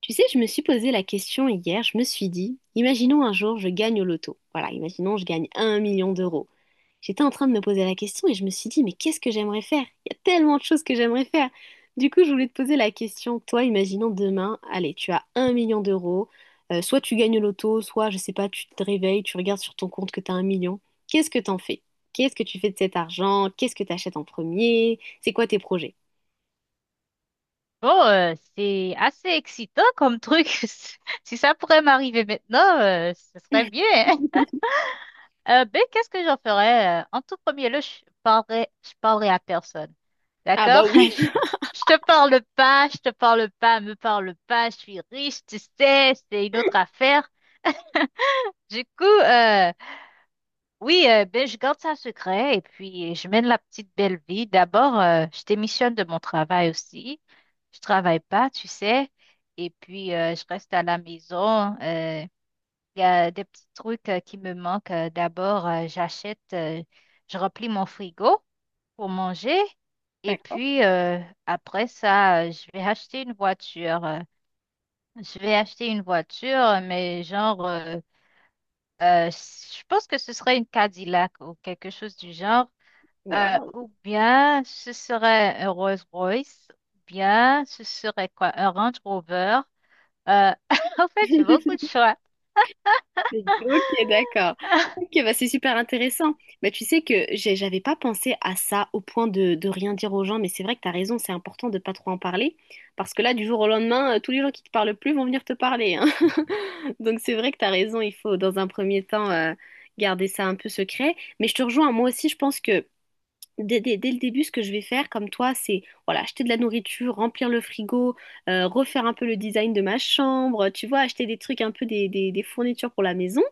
Tu sais, je me suis posé la question hier, je me suis dit, imaginons un jour je gagne au loto. Voilà, imaginons je gagne un million d'euros. J'étais en train de me poser la question et je me suis dit, mais qu'est-ce que j'aimerais faire? Il y a tellement de choses que j'aimerais faire. Du coup, je voulais te poser la question, toi, imaginons demain, allez, tu as un million d'euros. Soit tu gagnes au loto, soit, je sais pas, tu te réveilles, tu regardes sur ton compte que tu as un million. Qu'est-ce que t'en fais? Qu'est-ce que tu fais de cet argent? Qu'est-ce que tu achètes en premier? C'est quoi tes projets? Bon, c'est assez excitant comme truc. Si ça pourrait m'arriver maintenant, ce serait bien, hein. Qu'est-ce que j'en ferais? En tout premier lieu, je parlerais à personne. Ah D'accord? bah oui. Je te parle pas, je te parle pas, me parle pas, je suis riche, tu sais, c'est une autre affaire. Du coup, oui, ben, je garde ça secret et puis je mène la petite belle vie. D'abord, je démissionne de mon travail aussi. Je travaille pas, tu sais. Et puis, je reste à la maison. Il y a des petits trucs qui me manquent. D'abord, je remplis mon frigo pour manger. Et D'accord. puis, après ça, je vais acheter une voiture. Je vais acheter une voiture, mais je pense que ce serait une Cadillac ou quelque chose du genre. Waouh. Ou bien ce serait un Rolls-Royce, ou bien ce serait quoi? Un Range Rover. Euh, en fait, j'ai beaucoup de choix. Ok, d'accord. Ok, bah c'est super intéressant. Bah, tu sais que j'avais pas pensé à ça au point de rien dire aux gens, mais c'est vrai que tu as raison, c'est important de pas trop en parler, parce que là, du jour au lendemain, tous les gens qui te parlent plus vont venir te parler, hein. Donc c'est vrai que tu as raison, il faut dans un premier temps garder ça un peu secret. Mais je te rejoins, moi aussi, je pense que dès le début, ce que je vais faire, comme toi, c'est voilà, acheter de la nourriture, remplir le frigo, refaire un peu le design de ma chambre, tu vois, acheter des trucs un peu des fournitures pour la maison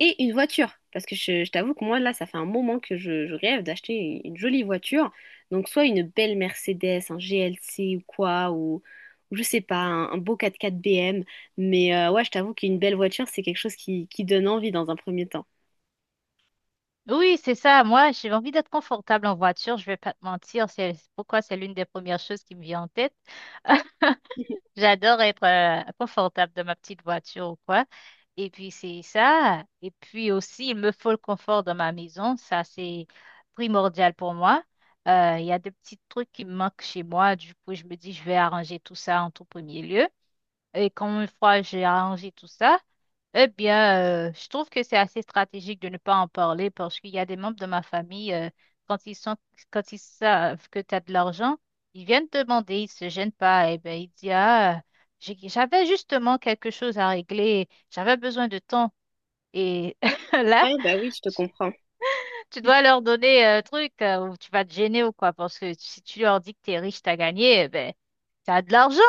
et une voiture. Parce que je t'avoue que moi, là, ça fait un moment que je rêve d'acheter une jolie voiture. Donc, soit une belle Mercedes, un GLC ou quoi, ou je sais pas, un beau 4x4 BM. Mais ouais, je t'avoue qu'une belle voiture, c'est quelque chose qui donne envie dans un premier temps. Oui, c'est ça. Moi, j'ai envie d'être confortable en voiture. Je vais pas te mentir. C'est pourquoi c'est l'une des premières choses qui me vient en tête. J'adore être confortable dans ma petite voiture ou quoi. Et puis c'est ça. Et puis aussi, il me faut le confort dans ma maison. Ça, c'est primordial pour moi. Il y a des petits trucs qui me manquent chez moi. Du coup, je me dis, je vais arranger tout ça en tout premier lieu. Et quand une fois j'ai arrangé tout ça, eh bien, je trouve que c'est assez stratégique de ne pas en parler parce qu'il y a des membres de ma famille, quand ils sont, quand ils savent que tu as de l'argent, ils viennent te demander, ils se gênent pas. Et ben, ils disent, ah, j'avais justement quelque chose à régler, j'avais besoin de temps. Et là, Ouais, bah oui, je te comprends. tu dois leur donner un truc ou tu vas te gêner ou quoi, parce que si tu leur dis que t'es riche, t'as gagné, eh ben, t'as de l'argent.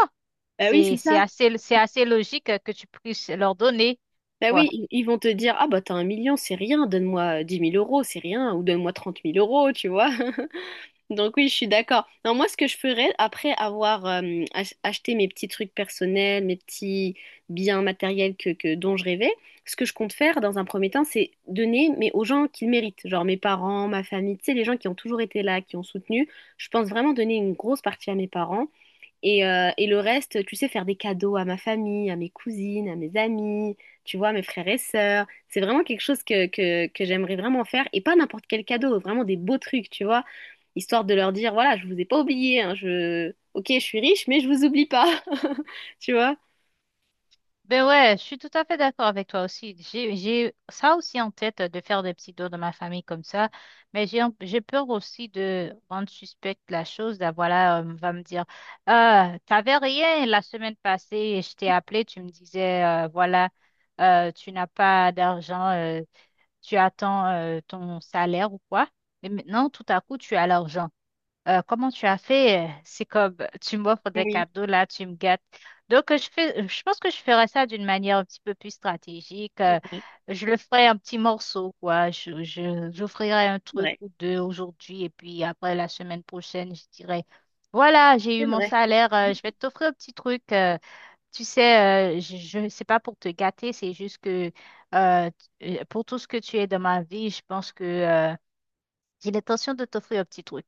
Bah oui, C'est, c'est c'est ça. assez, c'est assez logique que tu puisses leur donner, Bah oui, quoi. ils vont te dire, ah bah t'as un million, c'est rien, donne-moi dix mille euros, c'est rien, ou donne-moi trente mille euros, tu vois. Donc oui, je suis d'accord. Non, moi, ce que je ferais après avoir acheté mes petits trucs personnels, mes petits biens matériels dont je rêvais, ce que je compte faire dans un premier temps, c'est donner mais aux gens qui le méritent, genre mes parents, ma famille, tu sais, les gens qui ont toujours été là, qui ont soutenu. Je pense vraiment donner une grosse partie à mes parents et le reste, tu sais, faire des cadeaux à ma famille, à mes cousines, à mes amis, tu vois, à mes frères et sœurs. C'est vraiment quelque chose que j'aimerais vraiment faire. Et pas n'importe quel cadeau, vraiment des beaux trucs, tu vois. Histoire de leur dire, voilà, je vous ai pas oublié, hein, je... Ok, je suis riche, mais je vous oublie pas. Tu vois? Ben ouais, je suis tout à fait d'accord avec toi aussi. J'ai ça aussi en tête de faire des petits tours de ma famille comme ça, mais j'ai peur aussi de rendre suspecte la chose. Là, voilà, on va me dire, ah, t'avais rien la semaine passée et je t'ai appelé, tu me disais, voilà, tu n'as pas d'argent, tu attends ton salaire ou quoi, mais maintenant tout à coup tu as l'argent. Comment tu as fait? C'est comme tu m'offres des Oui, cadeaux là, tu me gâtes. Donc, je pense que je ferai ça d'une manière un petit peu plus stratégique. C'est Je le ferai un petit morceau, quoi. J'offrirai un truc vrai. ou deux aujourd'hui et puis après la semaine prochaine, je dirai, voilà, j'ai eu C'est mon vrai. salaire, je vais t'offrir un petit truc. Tu sais, je c'est pas pour te gâter, c'est juste que euh, pour tout ce que tu es dans ma vie, je pense que j'ai l'intention de t'offrir un petit truc.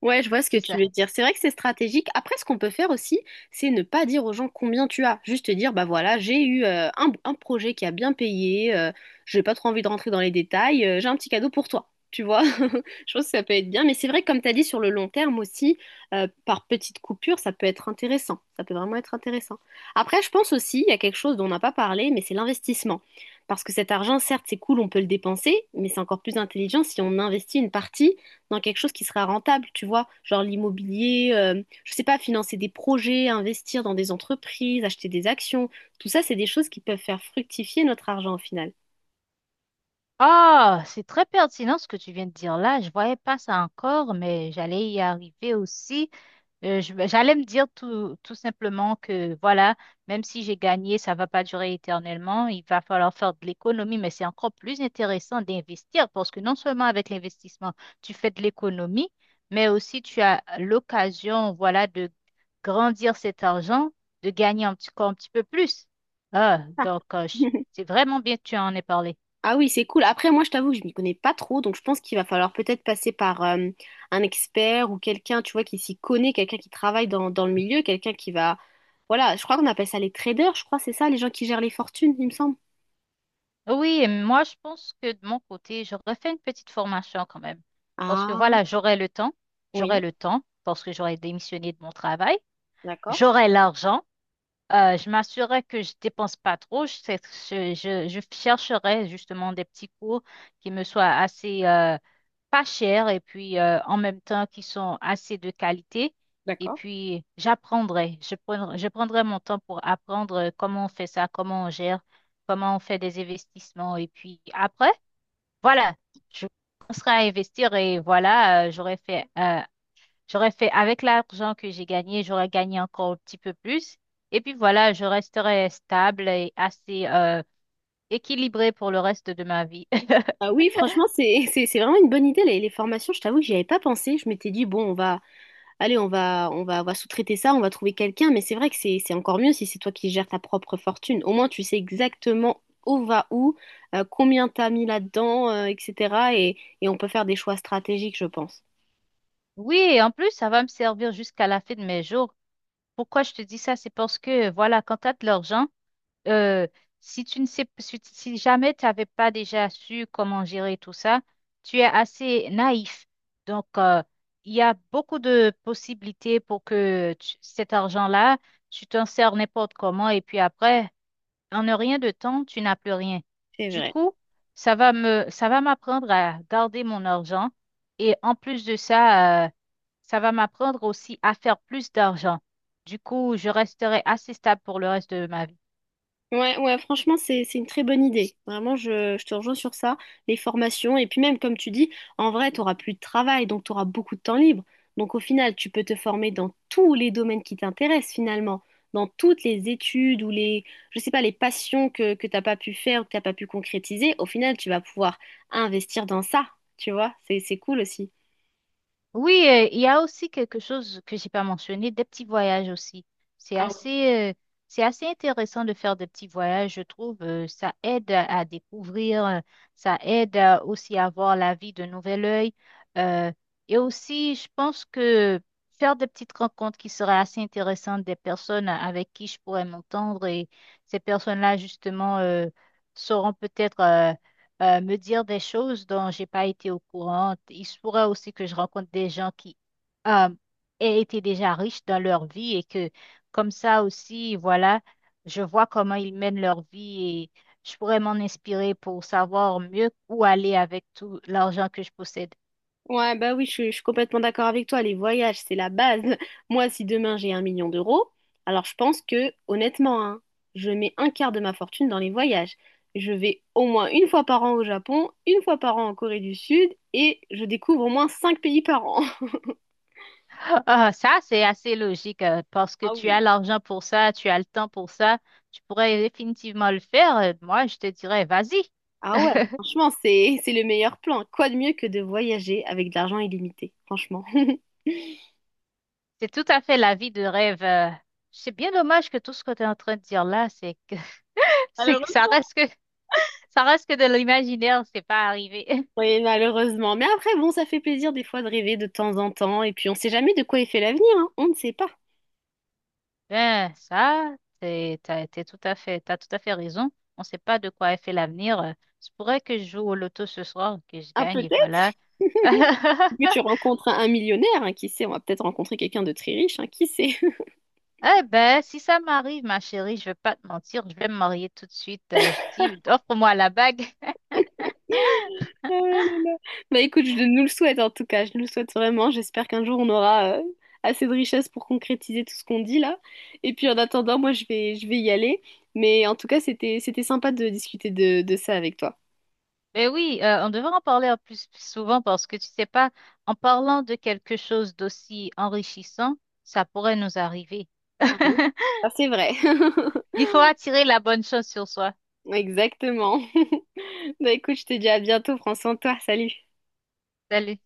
Ouais, je vois ce que C'est tu ça. veux dire. C'est vrai que c'est stratégique. Après, ce qu'on peut faire aussi, c'est ne pas dire aux gens combien tu as. Juste dire, bah voilà, j'ai eu un projet qui a bien payé, j'ai pas trop envie de rentrer dans les détails, j'ai un petit cadeau pour toi. Tu vois, je pense que ça peut être bien. Mais c'est vrai que comme tu as dit, sur le long terme aussi, par petites coupures, ça peut être intéressant. Ça peut vraiment être intéressant. Après, je pense aussi, il y a quelque chose dont on n'a pas parlé, mais c'est l'investissement. Parce que cet argent, certes, c'est cool, on peut le dépenser, mais c'est encore plus intelligent si on investit une partie dans quelque chose qui sera rentable, tu vois, genre l'immobilier, je sais pas, financer des projets, investir dans des entreprises, acheter des actions, tout ça, c'est des choses qui peuvent faire fructifier notre argent au final. Ah, c'est très pertinent ce que tu viens de dire là. Je voyais pas ça encore, mais j'allais y arriver aussi. Ben, j'allais me dire tout simplement que voilà, même si j'ai gagné, ça va pas durer éternellement. Il va falloir faire de l'économie, mais c'est encore plus intéressant d'investir parce que non seulement avec l'investissement, tu fais de l'économie, mais aussi tu as l'occasion, voilà, de grandir cet argent, de gagner encore un petit peu plus. Ah, Ah. donc, euh, je- c'est vraiment bien que tu en aies parlé. Ah oui, c'est cool. Après, moi, je t'avoue que je m'y connais pas trop, donc je pense qu'il va falloir peut-être passer par un expert ou quelqu'un, tu vois, qui s'y connaît, quelqu'un qui travaille dans le milieu, quelqu'un qui va... Voilà, je crois qu'on appelle ça les traders, je crois, c'est ça, les gens qui gèrent les fortunes, il me semble. Oui, et moi, je pense que de mon côté, j'aurais fait une petite formation quand même. Parce que Ah, voilà, j'aurais oui, le temps, parce que j'aurais démissionné de mon travail, d'accord, j'aurais l'argent. Je m'assurerai que je dépense pas trop. Je, sais- je chercherai justement des petits cours qui me soient assez pas chers et puis en même temps qui sont assez de qualité. Et d'accord. puis j'apprendrai. Je prendrai mon temps pour apprendre comment on fait ça, comment on gère, comment on fait des investissements. Et puis après, voilà, je commencerai à investir et voilà, J'aurais fait avec l'argent que j'ai gagné, j'aurais gagné encore un petit peu plus. Et puis voilà, je resterais stable et assez équilibrée pour le reste de ma vie. Ah oui, franchement, c'est c'est vraiment une bonne idée, les formations. Je t'avoue que j'y avais pas pensé. Je m'étais dit, bon, allez, on va sous-traiter ça, on va trouver quelqu'un. Mais c'est vrai que c'est encore mieux si c'est toi qui gères ta propre fortune. Au moins, tu sais exactement où va où, combien t'as mis là-dedans, etc. Et on peut faire des choix stratégiques, je pense. Oui, et en plus, ça va me servir jusqu'à la fin de mes jours. Pourquoi je te dis ça? C'est parce que, voilà, quand tu as de l'argent, euh, si tu ne sais, si, si jamais tu n'avais pas déjà su comment gérer tout ça, tu es assez naïf. Donc, il y a beaucoup de possibilités pour que cet argent-là, tu t'en sers n'importe comment et puis après, en ne rien de temps, tu n'as plus rien. C'est Du vrai. coup, ça va m'apprendre à garder mon argent et en plus de ça, ça va m'apprendre aussi à faire plus d'argent. Du coup, je resterai assez stable pour le reste de ma vie. Ouais, ouais, franchement, c'est une très bonne idée. Vraiment, je te rejoins sur ça, les formations. Et puis même, comme tu dis, en vrai, tu n'auras plus de travail, donc tu auras beaucoup de temps libre. Donc au final, tu peux te former dans tous les domaines qui t'intéressent finalement, dans toutes les études ou les, je sais pas, les passions que t'as pas pu faire ou que t'as pas pu concrétiser. Au final, tu vas pouvoir investir dans ça, tu vois. C'est cool aussi. Oui, il y a aussi quelque chose que j'ai pas mentionné, des petits voyages aussi. C'est assez, euh, c'est assez intéressant de faire des petits voyages, je trouve. Ça aide à découvrir, ça aide aussi à voir la vie d'un nouvel œil. euh, et aussi, je pense que faire des petites rencontres qui seraient assez intéressantes, des personnes avec qui je pourrais m'entendre, et ces personnes-là, justement, sauront peut-être me dire des choses dont j'ai pas été au courant. Il se pourrait aussi que je rencontre des gens qui euh, aient été déjà riches dans leur vie et que comme ça aussi, voilà, je vois comment ils mènent leur vie et je pourrais m'en inspirer pour savoir mieux où aller avec tout l'argent que je possède. Ouais, bah oui, je suis complètement d'accord avec toi. Les voyages, c'est la base. Moi, si demain j'ai un million d'euros, alors je pense que, honnêtement, hein, je mets un quart de ma fortune dans les voyages. Je vais au moins une fois par an au Japon, une fois par an en Corée du Sud, et je découvre au moins cinq pays par an. Ah, ah, ça, c'est assez logique parce que Ah tu as oui. l'argent pour ça, tu as le temps pour ça. Tu pourrais définitivement le faire. Moi, je te dirais, vas-y. Ah ouais, franchement, c'est le meilleur plan. Quoi de mieux que de voyager avec de l'argent illimité, franchement. C'est tout à fait la vie de rêve. C'est bien dommage que tout ce que tu es en train de dire là, c'est que, c'est Alors, que ça reste que, ça reste que de l'imaginaire, c'est pas arrivé. oui, malheureusement. Mais après, bon, ça fait plaisir des fois de rêver de temps en temps. Et puis, on ne sait jamais de quoi est fait l'avenir, hein. On ne sait pas. Ben, ça, t'as tout à fait raison. On sait pas de quoi est fait l'avenir. Je pourrait que je joue au loto ce soir, que je Ah, gagne et peut-être voilà. que tu rencontres un millionnaire, hein, qui sait, on va peut-être rencontrer quelqu'un de très riche, hein, qui sait? Eh ben, si ça m'arrive, ma chérie, je vais pas te mentir, je vais me marier tout de suite. Je dis, offre-moi la bague. Oh là là. Bah écoute, je nous le souhaite en tout cas. Je nous le souhaite vraiment. J'espère qu'un jour, on aura assez de richesse pour concrétiser tout ce qu'on dit là. Et puis, en attendant, moi, je vais y aller. Mais en tout cas, c'était sympa de discuter de ça avec toi. Ben oui, on devrait en parler en plus souvent parce que tu sais pas, en parlant de quelque chose d'aussi enrichissant, ça pourrait nous arriver. Ah oui. Ah, c'est vrai. Il faut attirer la bonne chose sur soi. Exactement. Bah écoute, je te dis à bientôt, prends soin de toi, salut. Salut.